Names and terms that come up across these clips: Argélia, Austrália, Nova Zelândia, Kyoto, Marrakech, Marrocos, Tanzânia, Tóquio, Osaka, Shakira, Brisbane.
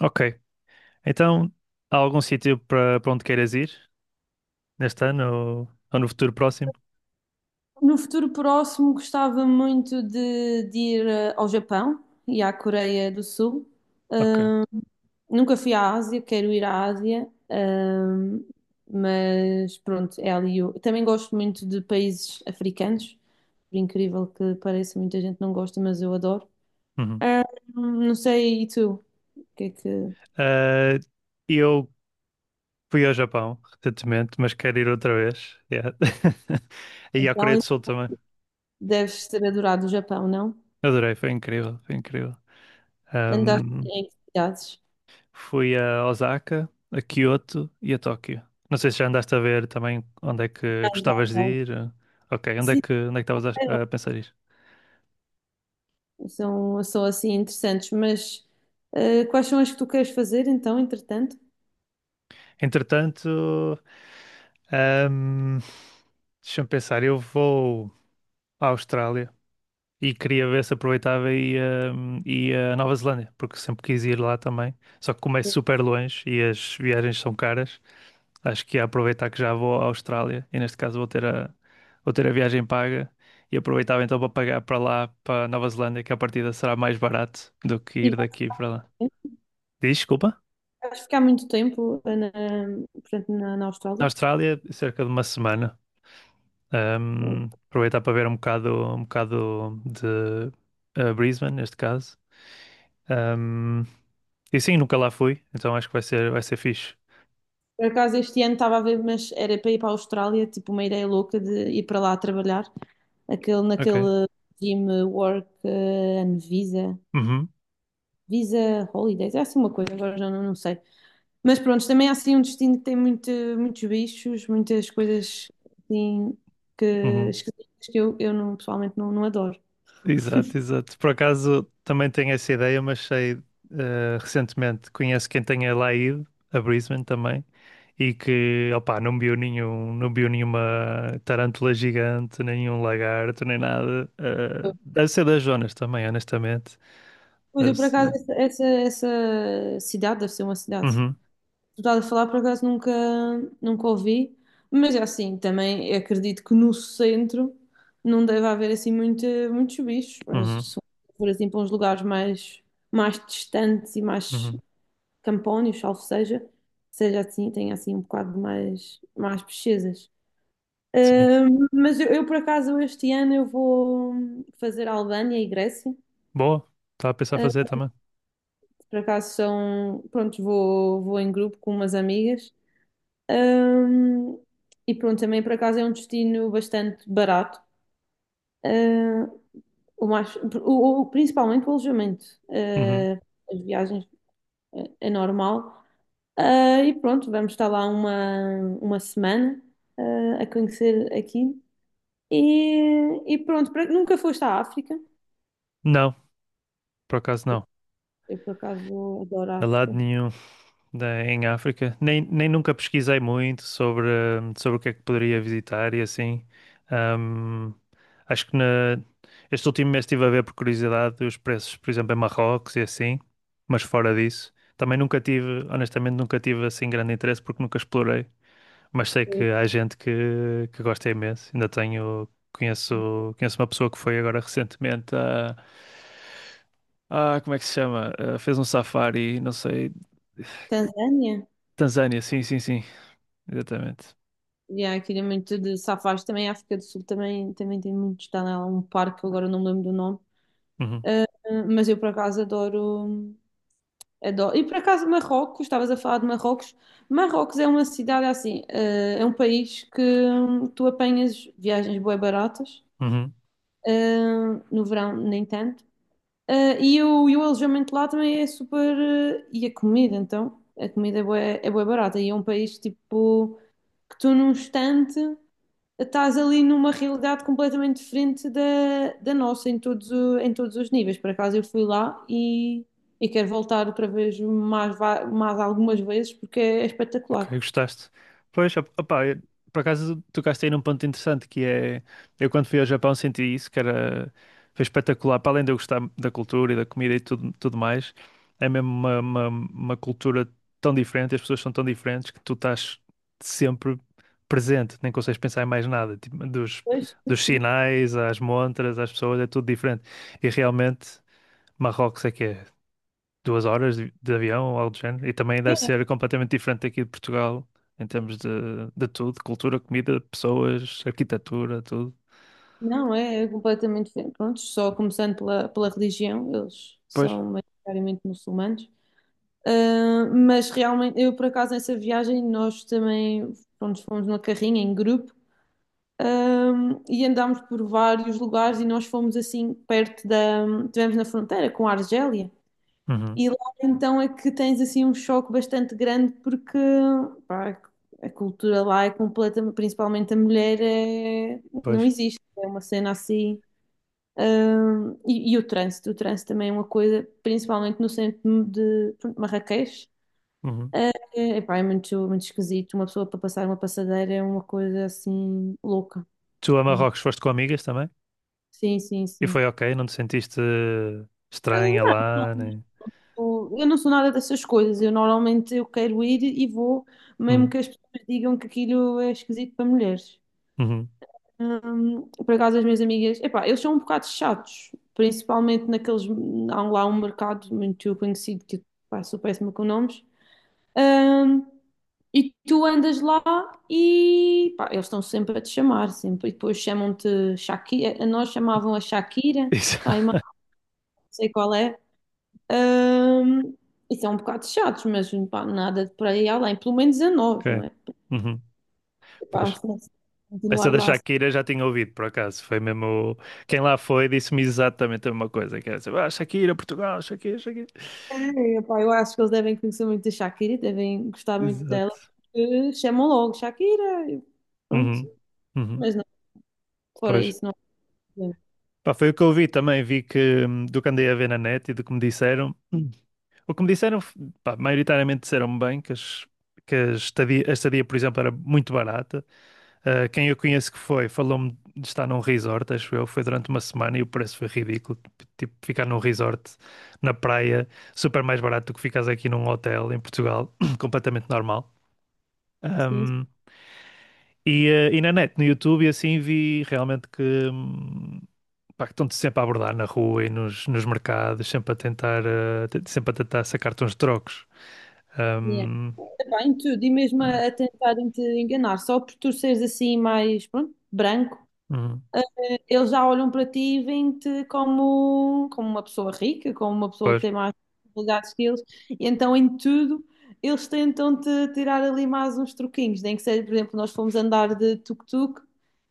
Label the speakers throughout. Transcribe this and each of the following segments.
Speaker 1: Ok. Então, há algum sítio para onde queiras ir neste ano ou no futuro próximo?
Speaker 2: No futuro próximo, gostava muito de ir ao Japão e à Coreia do Sul.
Speaker 1: Ok.
Speaker 2: Nunca fui à Ásia, quero ir à Ásia, mas pronto, é ali. Também gosto muito de países africanos, por incrível que pareça, muita gente não gosta, mas eu adoro.
Speaker 1: Uhum.
Speaker 2: Ah, não sei, e tu? O que é que.
Speaker 1: Ah, eu fui ao Japão recentemente, mas quero ir outra vez. Yeah. E à Coreia
Speaker 2: Então,
Speaker 1: do Sul também.
Speaker 2: deves ter adorado o Japão, não?
Speaker 1: Adorei, foi incrível, foi incrível.
Speaker 2: Andaste
Speaker 1: Ahm,
Speaker 2: em que cidades?
Speaker 1: Fui a Osaka, a Kyoto e a Tóquio. Não sei se já andaste a ver também onde é
Speaker 2: Ah,
Speaker 1: que
Speaker 2: já,
Speaker 1: gostavas de
Speaker 2: já.
Speaker 1: ir. Ok, onde é
Speaker 2: Sim,
Speaker 1: que estavas a pensar ir?
Speaker 2: são assim interessantes, mas quais são as que tu queres fazer então, entretanto?
Speaker 1: Entretanto, deixa-me pensar, eu vou à Austrália e queria ver se aproveitava e ia à Nova Zelândia, porque sempre quis ir lá também. Só que como é super longe e as viagens são caras, acho que ia aproveitar que já vou à Austrália e neste caso vou ter a viagem paga e aproveitava então para pagar para lá, para Nova Zelândia, que a partida será mais barato do que
Speaker 2: E
Speaker 1: ir daqui para lá. Diz, desculpa?
Speaker 2: vais ficar muito tempo na, portanto, na
Speaker 1: Na
Speaker 2: Austrália?
Speaker 1: Austrália, cerca de uma semana. Aproveitar para ver um bocado de Brisbane, neste caso. Ahm, e sim, nunca lá fui, então acho que vai ser fixe.
Speaker 2: Por acaso este ano estava a ver, mas era para ir para a Austrália, tipo uma ideia louca de ir para lá trabalhar,
Speaker 1: Ok.
Speaker 2: naquele regime work and visa,
Speaker 1: Uhum,
Speaker 2: visa holidays, é assim uma coisa, agora já não, não sei. Mas pronto, também é assim um destino que tem muitos bichos, muitas coisas assim que
Speaker 1: uhum.
Speaker 2: esquisitas que eu pessoalmente não, não adoro.
Speaker 1: Exato, exato. Por acaso também tenho essa ideia, mas sei recentemente, conheço quem tenha lá ido, a Brisbane também, e que, opá, não viu nenhuma tarântula gigante, nenhum lagarto, nem nada. Eh, deve ser das zonas também, honestamente.
Speaker 2: Pois
Speaker 1: Deve
Speaker 2: eu por acaso
Speaker 1: ser.
Speaker 2: essa cidade deve ser uma cidade.
Speaker 1: Uhum,
Speaker 2: Estás a falar, por acaso nunca ouvi, mas é assim, também acredito que no centro não deve haver assim muitos bichos, mas
Speaker 1: uhum,
Speaker 2: se for assim para uns lugares mais distantes e mais
Speaker 1: uhum.
Speaker 2: campónios, salvo seja, seja assim, tenha assim um bocado mais pesquisas.
Speaker 1: Sim.
Speaker 2: Mas por acaso este ano eu vou fazer Albânia e Grécia.
Speaker 1: Boa. Estava a pensar fazer
Speaker 2: Ah,
Speaker 1: também.
Speaker 2: por acaso são, pronto, vou em grupo com umas amigas. Ahm, e pronto, também por acaso é um destino bastante barato. Ah, o mais, o- principalmente o alojamento.
Speaker 1: Uhum.
Speaker 2: Ah, as viagens é, normal. Ah, e pronto, vamos estar lá uma semana, ah, a conhecer aqui. E pronto, nunca foste à África?
Speaker 1: Não, por acaso não.
Speaker 2: Eu por acaso adoro a
Speaker 1: A lado
Speaker 2: África.
Speaker 1: nenhum da- em África. Nem nunca pesquisei muito sobre, sobre o que é que poderia visitar e assim. Hum, acho que na, este último mês estive a ver por curiosidade os preços, por exemplo, em Marrocos e assim, mas fora disso. Também nunca tive, honestamente, nunca tive assim grande interesse porque nunca explorei. Mas sei que
Speaker 2: Foi
Speaker 1: há gente que gosta imenso. Ainda tenho, conheço uma pessoa que foi agora recentemente a. Ah, como é que se chama? Ah, fez um safari, não sei,
Speaker 2: Tanzânia?
Speaker 1: Tanzânia, sim, sim, sim, exatamente.
Speaker 2: E há aquilo é muito de safaris também, a África do Sul também, também tem muitos. Está lá um parque, agora não me lembro do nome.
Speaker 1: Uhum,
Speaker 2: Mas eu por acaso adoro. E por acaso Marrocos, estavas a falar de Marrocos. Marrocos é uma cidade assim, é um país que tu apanhas viagens bué baratas,
Speaker 1: uhum.
Speaker 2: no verão nem tanto. E o alojamento lá também é super. Uh, e a comida, então, a comida é é bué barata. E é um país tipo que tu num instante estás ali numa realidade completamente diferente da nossa em em todos os níveis. Por acaso eu fui lá e quero voltar outra vez mais, mais algumas vezes porque é
Speaker 1: Ok,
Speaker 2: espetacular.
Speaker 1: gostaste. Pois, op- opá, eu- por acaso tocaste aí num ponto interessante que é, eu quando fui ao Japão senti isso, que era, foi espetacular, para além de eu gostar da cultura e da comida e tudo, tudo mais, é mesmo uma cultura tão diferente, as pessoas são tão diferentes que tu estás sempre presente, nem consegues pensar em mais nada, tipo, dos,
Speaker 2: Pois, sim,
Speaker 1: dos
Speaker 2: sim.
Speaker 1: sinais, às montras, às pessoas, é tudo diferente. E realmente, Marrocos é que é. Duas horas de avião ou algo do género. E também
Speaker 2: É,
Speaker 1: deve ser completamente diferente aqui de Portugal, em termos de tudo, cultura, comida, pessoas, arquitetura, tudo.
Speaker 2: não, é, é completamente diferente. Pronto, só começando pela religião, eles
Speaker 1: Pois.
Speaker 2: são maioritariamente muçulmanos. Ah, mas realmente, eu por acaso nessa viagem, nós também pronto, fomos numa carrinha em grupo. E andámos por vários lugares e nós fomos assim perto da. Estivemos na fronteira com a Argélia.
Speaker 1: Uhum.
Speaker 2: E lá então é que tens assim um choque bastante grande porque pá, a cultura lá é completa, principalmente a mulher é- não
Speaker 1: Pois.
Speaker 2: existe. É uma cena assim. E o o trânsito também é uma coisa, principalmente no centro de pronto, Marrakech.
Speaker 1: Uhum.
Speaker 2: É, Pá, é muito esquisito. Uma pessoa para passar uma passadeira é uma coisa assim louca.
Speaker 1: Tu a Marrocos foste com amigas também?
Speaker 2: Sim, sim,
Speaker 1: E
Speaker 2: sim.
Speaker 1: foi ok? Não te sentiste
Speaker 2: Ah,
Speaker 1: estranha
Speaker 2: não,
Speaker 1: lá, nem.
Speaker 2: não, eu não sou nada dessas coisas. Eu normalmente eu quero ir e vou, mesmo
Speaker 1: Hum.
Speaker 2: que as pessoas digam que aquilo é esquisito para mulheres.
Speaker 1: Uhum.
Speaker 2: Por acaso, as minhas amigas, epá, eles são um bocado chatos, principalmente naqueles. Há lá um mercado muito conhecido que pá, sou péssima com nomes. Hum, e tu andas lá e pá, eles estão sempre a te chamar, sempre. E depois chamam-te Shakira. A nós chamavam a Shakira,
Speaker 1: Isso.
Speaker 2: pá, e mais não sei qual é. Ahm, e são um bocado chatos, mas pá, nada de por aí além, pelo menos a nós, não
Speaker 1: Ok.
Speaker 2: é?
Speaker 1: Uhum.
Speaker 2: Porque, pá,
Speaker 1: Pois.
Speaker 2: vamos ter que
Speaker 1: Essa
Speaker 2: continuar
Speaker 1: da
Speaker 2: lá.
Speaker 1: Shakira já tinha ouvido, por acaso. Foi mesmo. Quem lá foi disse-me exatamente a mesma coisa. Que era assim, ah, Shakira, Portugal, Shakira, Shakira.
Speaker 2: É, pá, eu acho que eles devem conhecer muito da Shakira, devem gostar muito dela,
Speaker 1: Exato.
Speaker 2: porque chamam logo Shakira, e pronto,
Speaker 1: Uhum. Uhum.
Speaker 2: mas não, fora
Speaker 1: Pois.
Speaker 2: isso, não há problema.
Speaker 1: Pá, foi o que eu vi também, vi que do que andei a ver na net e do que me disseram. Hum. O que me disseram, pá, maioritariamente disseram bem que, as, que a estadia, por exemplo, era muito barata. Ah, quem eu conheço que foi, falou-me de estar num resort, acho eu, foi durante uma semana e o preço foi ridículo. Tipo, ficar num resort na praia, super mais barato do que ficares aqui num hotel em Portugal, completamente normal.
Speaker 2: Sim,
Speaker 1: E na net, no YouTube, e assim vi realmente que, hum, pá, que estão-te sempre a abordar na rua e nos, nos mercados, sempre a tentar, sempre a tentar sacar uns trocos.
Speaker 2: sim, é.
Speaker 1: Hum,
Speaker 2: Epá, em tudo, e mesmo
Speaker 1: é.
Speaker 2: a tentarem te enganar, só por tu seres assim mais, pronto, branco.
Speaker 1: Uhum.
Speaker 2: Eles já olham para ti e veem-te como uma pessoa rica, como uma pessoa que
Speaker 1: Pois,
Speaker 2: tem mais possibilidades que eles, e então em tudo eles tentam-te tirar ali mais uns truquinhos, nem que seja, por exemplo, nós fomos andar de tuk-tuk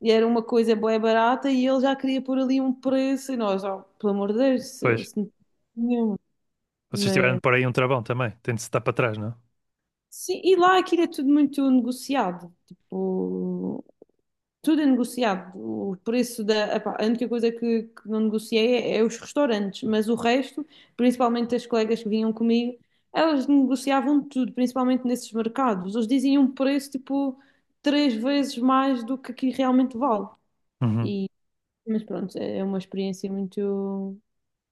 Speaker 2: e era uma coisa bué barata e ele já queria pôr ali um preço e nós, oh, pelo amor de Deus,
Speaker 1: pois.
Speaker 2: isso não tem nenhuma.
Speaker 1: Vocês tiveram
Speaker 2: Mas,
Speaker 1: de pôr aí um travão também, tem de se dar para trás, não?
Speaker 2: sim, e lá aquilo é tudo muito negociado, tipo. Tudo é negociado. O preço da. Epá, a única coisa que não negociei é os restaurantes, mas o resto, principalmente as colegas que vinham comigo, elas negociavam tudo, principalmente nesses mercados. Eles diziam um preço tipo três vezes mais do que aqui realmente vale.
Speaker 1: Uhum,
Speaker 2: E, mas pronto, é uma experiência muito.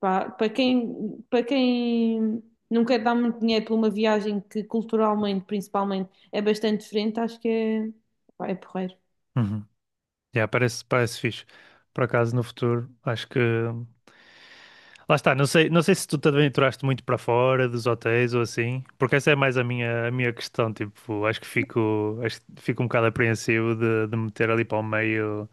Speaker 2: Pá, para para quem não quer dar muito dinheiro por uma viagem que culturalmente, principalmente, é bastante diferente, acho que é, pá, é porreiro.
Speaker 1: uhum. Yeah, parece, parece fixe. Por acaso, no futuro, acho que. Lá está, não sei, não sei se tu te aventuraste muito para fora dos hotéis ou assim, porque essa é mais a minha questão, tipo, acho que fico um bocado apreensivo de meter ali para o meio,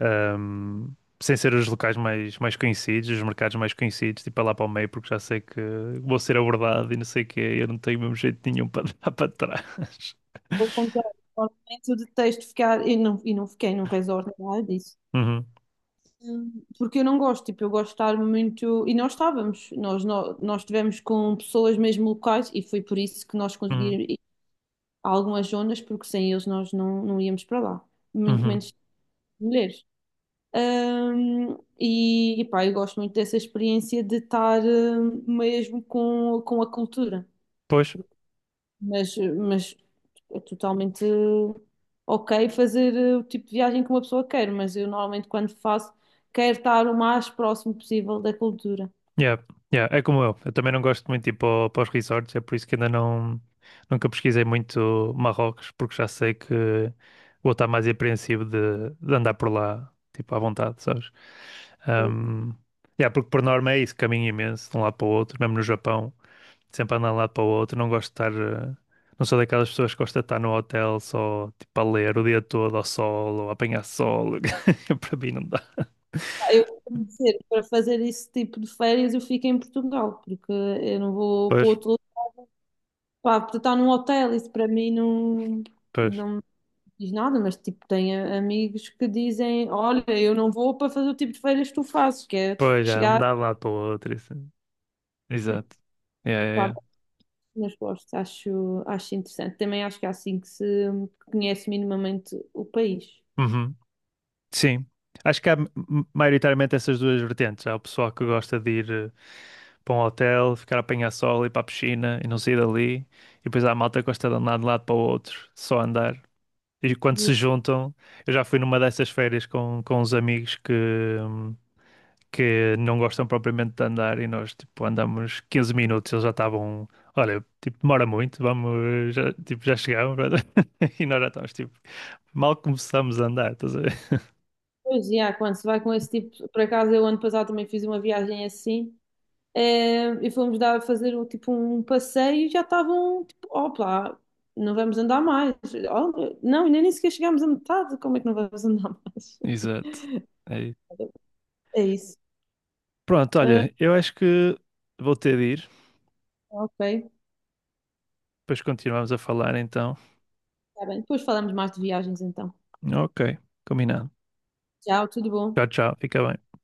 Speaker 1: ahm, sem ser os locais mais, mais conhecidos, os mercados mais conhecidos, tipo, é lá para o meio, porque já sei que vou ser abordado e não sei o quê, eu não tenho mesmo jeito nenhum para dar para trás.
Speaker 2: Pelo contrário, normalmente eu detesto ficar, e não fiquei num resort, nem nada disso.
Speaker 1: Uhum,
Speaker 2: Porque eu não gosto, tipo, eu gosto de estar muito. E nós estávamos, nós, nó- nós estivemos com pessoas mesmo locais e foi por isso que nós
Speaker 1: uhum,
Speaker 2: conseguimos ir a algumas zonas, porque sem eles nós não, não íamos para lá, muito
Speaker 1: uhum.
Speaker 2: menos mulheres. E pá, eu gosto muito dessa experiência de estar mesmo com a cultura.
Speaker 1: Pois,
Speaker 2: Mas é totalmente ok fazer o tipo de viagem que uma pessoa quer, mas eu normalmente quando faço, quero estar o mais próximo possível da cultura.
Speaker 1: yeah, yeah, é como eu. Eu também não gosto muito de ir para os resorts, é por isso que ainda não nunca pesquisei muito Marrocos, porque já sei que vou estar mais apreensivo de andar por lá, tipo, à vontade, sabes? Um, yeah, porque por norma é isso, caminho imenso de um lado para o outro, mesmo no Japão, sempre andar de um lado para o outro, não gosto de estar, não sou daquelas pessoas que gosta de estar no hotel só, tipo, a ler o dia todo ao sol ou a apanhar sol, para mim não dá.
Speaker 2: Eu, tenho de para fazer esse tipo de férias, eu fico em Portugal, porque eu não vou para
Speaker 1: Pois,
Speaker 2: outro lugar, para estar num hotel, isso para mim não,
Speaker 1: pois.
Speaker 2: não me diz nada, mas tipo, tenho amigos que dizem, olha, eu não vou para fazer o tipo de férias que tu fazes, que é
Speaker 1: Pois já, não
Speaker 2: chegar.
Speaker 1: dá de um lado para o outro. Isso. Exato. Yeah, yeah,
Speaker 2: Mas gosto, acho interessante. Também acho que é assim que se conhece minimamente o país.
Speaker 1: yeah. Uhum. Sim. Acho que há m- m- maioritariamente essas duas vertentes. Há o pessoal que gosta de ir para um hotel, ficar a apanhar sol, ir para a piscina e não sair dali. E depois há a malta que gosta de andar de um lado para o outro, só andar. E quando
Speaker 2: E,
Speaker 1: se juntam, eu já fui numa dessas férias com uns amigos hum, que não gostam propriamente de andar e nós tipo andamos 15 minutos, eles já estavam, olha, tipo demora muito, vamos, já, tipo já chegamos e nós já estamos tipo mal começamos a andar, estás a ver?
Speaker 2: Pois, e quando se vai com esse tipo, por acaso eu ano passado também fiz uma viagem assim, e fomos dar, fazer o, tipo um passeio e já estavam tipo, opa, não vamos andar mais. Oh, não, ainda nem sequer chegámos à metade, como é que não vamos andar mais?
Speaker 1: Exato. É isso.
Speaker 2: É isso.
Speaker 1: Pronto,
Speaker 2: Eh,
Speaker 1: olha, eu acho que vou ter de ir,
Speaker 2: ok,
Speaker 1: depois continuamos a falar então.
Speaker 2: está bem. Depois falamos mais de viagens então.
Speaker 1: Ok, combinado.
Speaker 2: Tchau, tudo bom.
Speaker 1: Tchau, tchau, fica bem.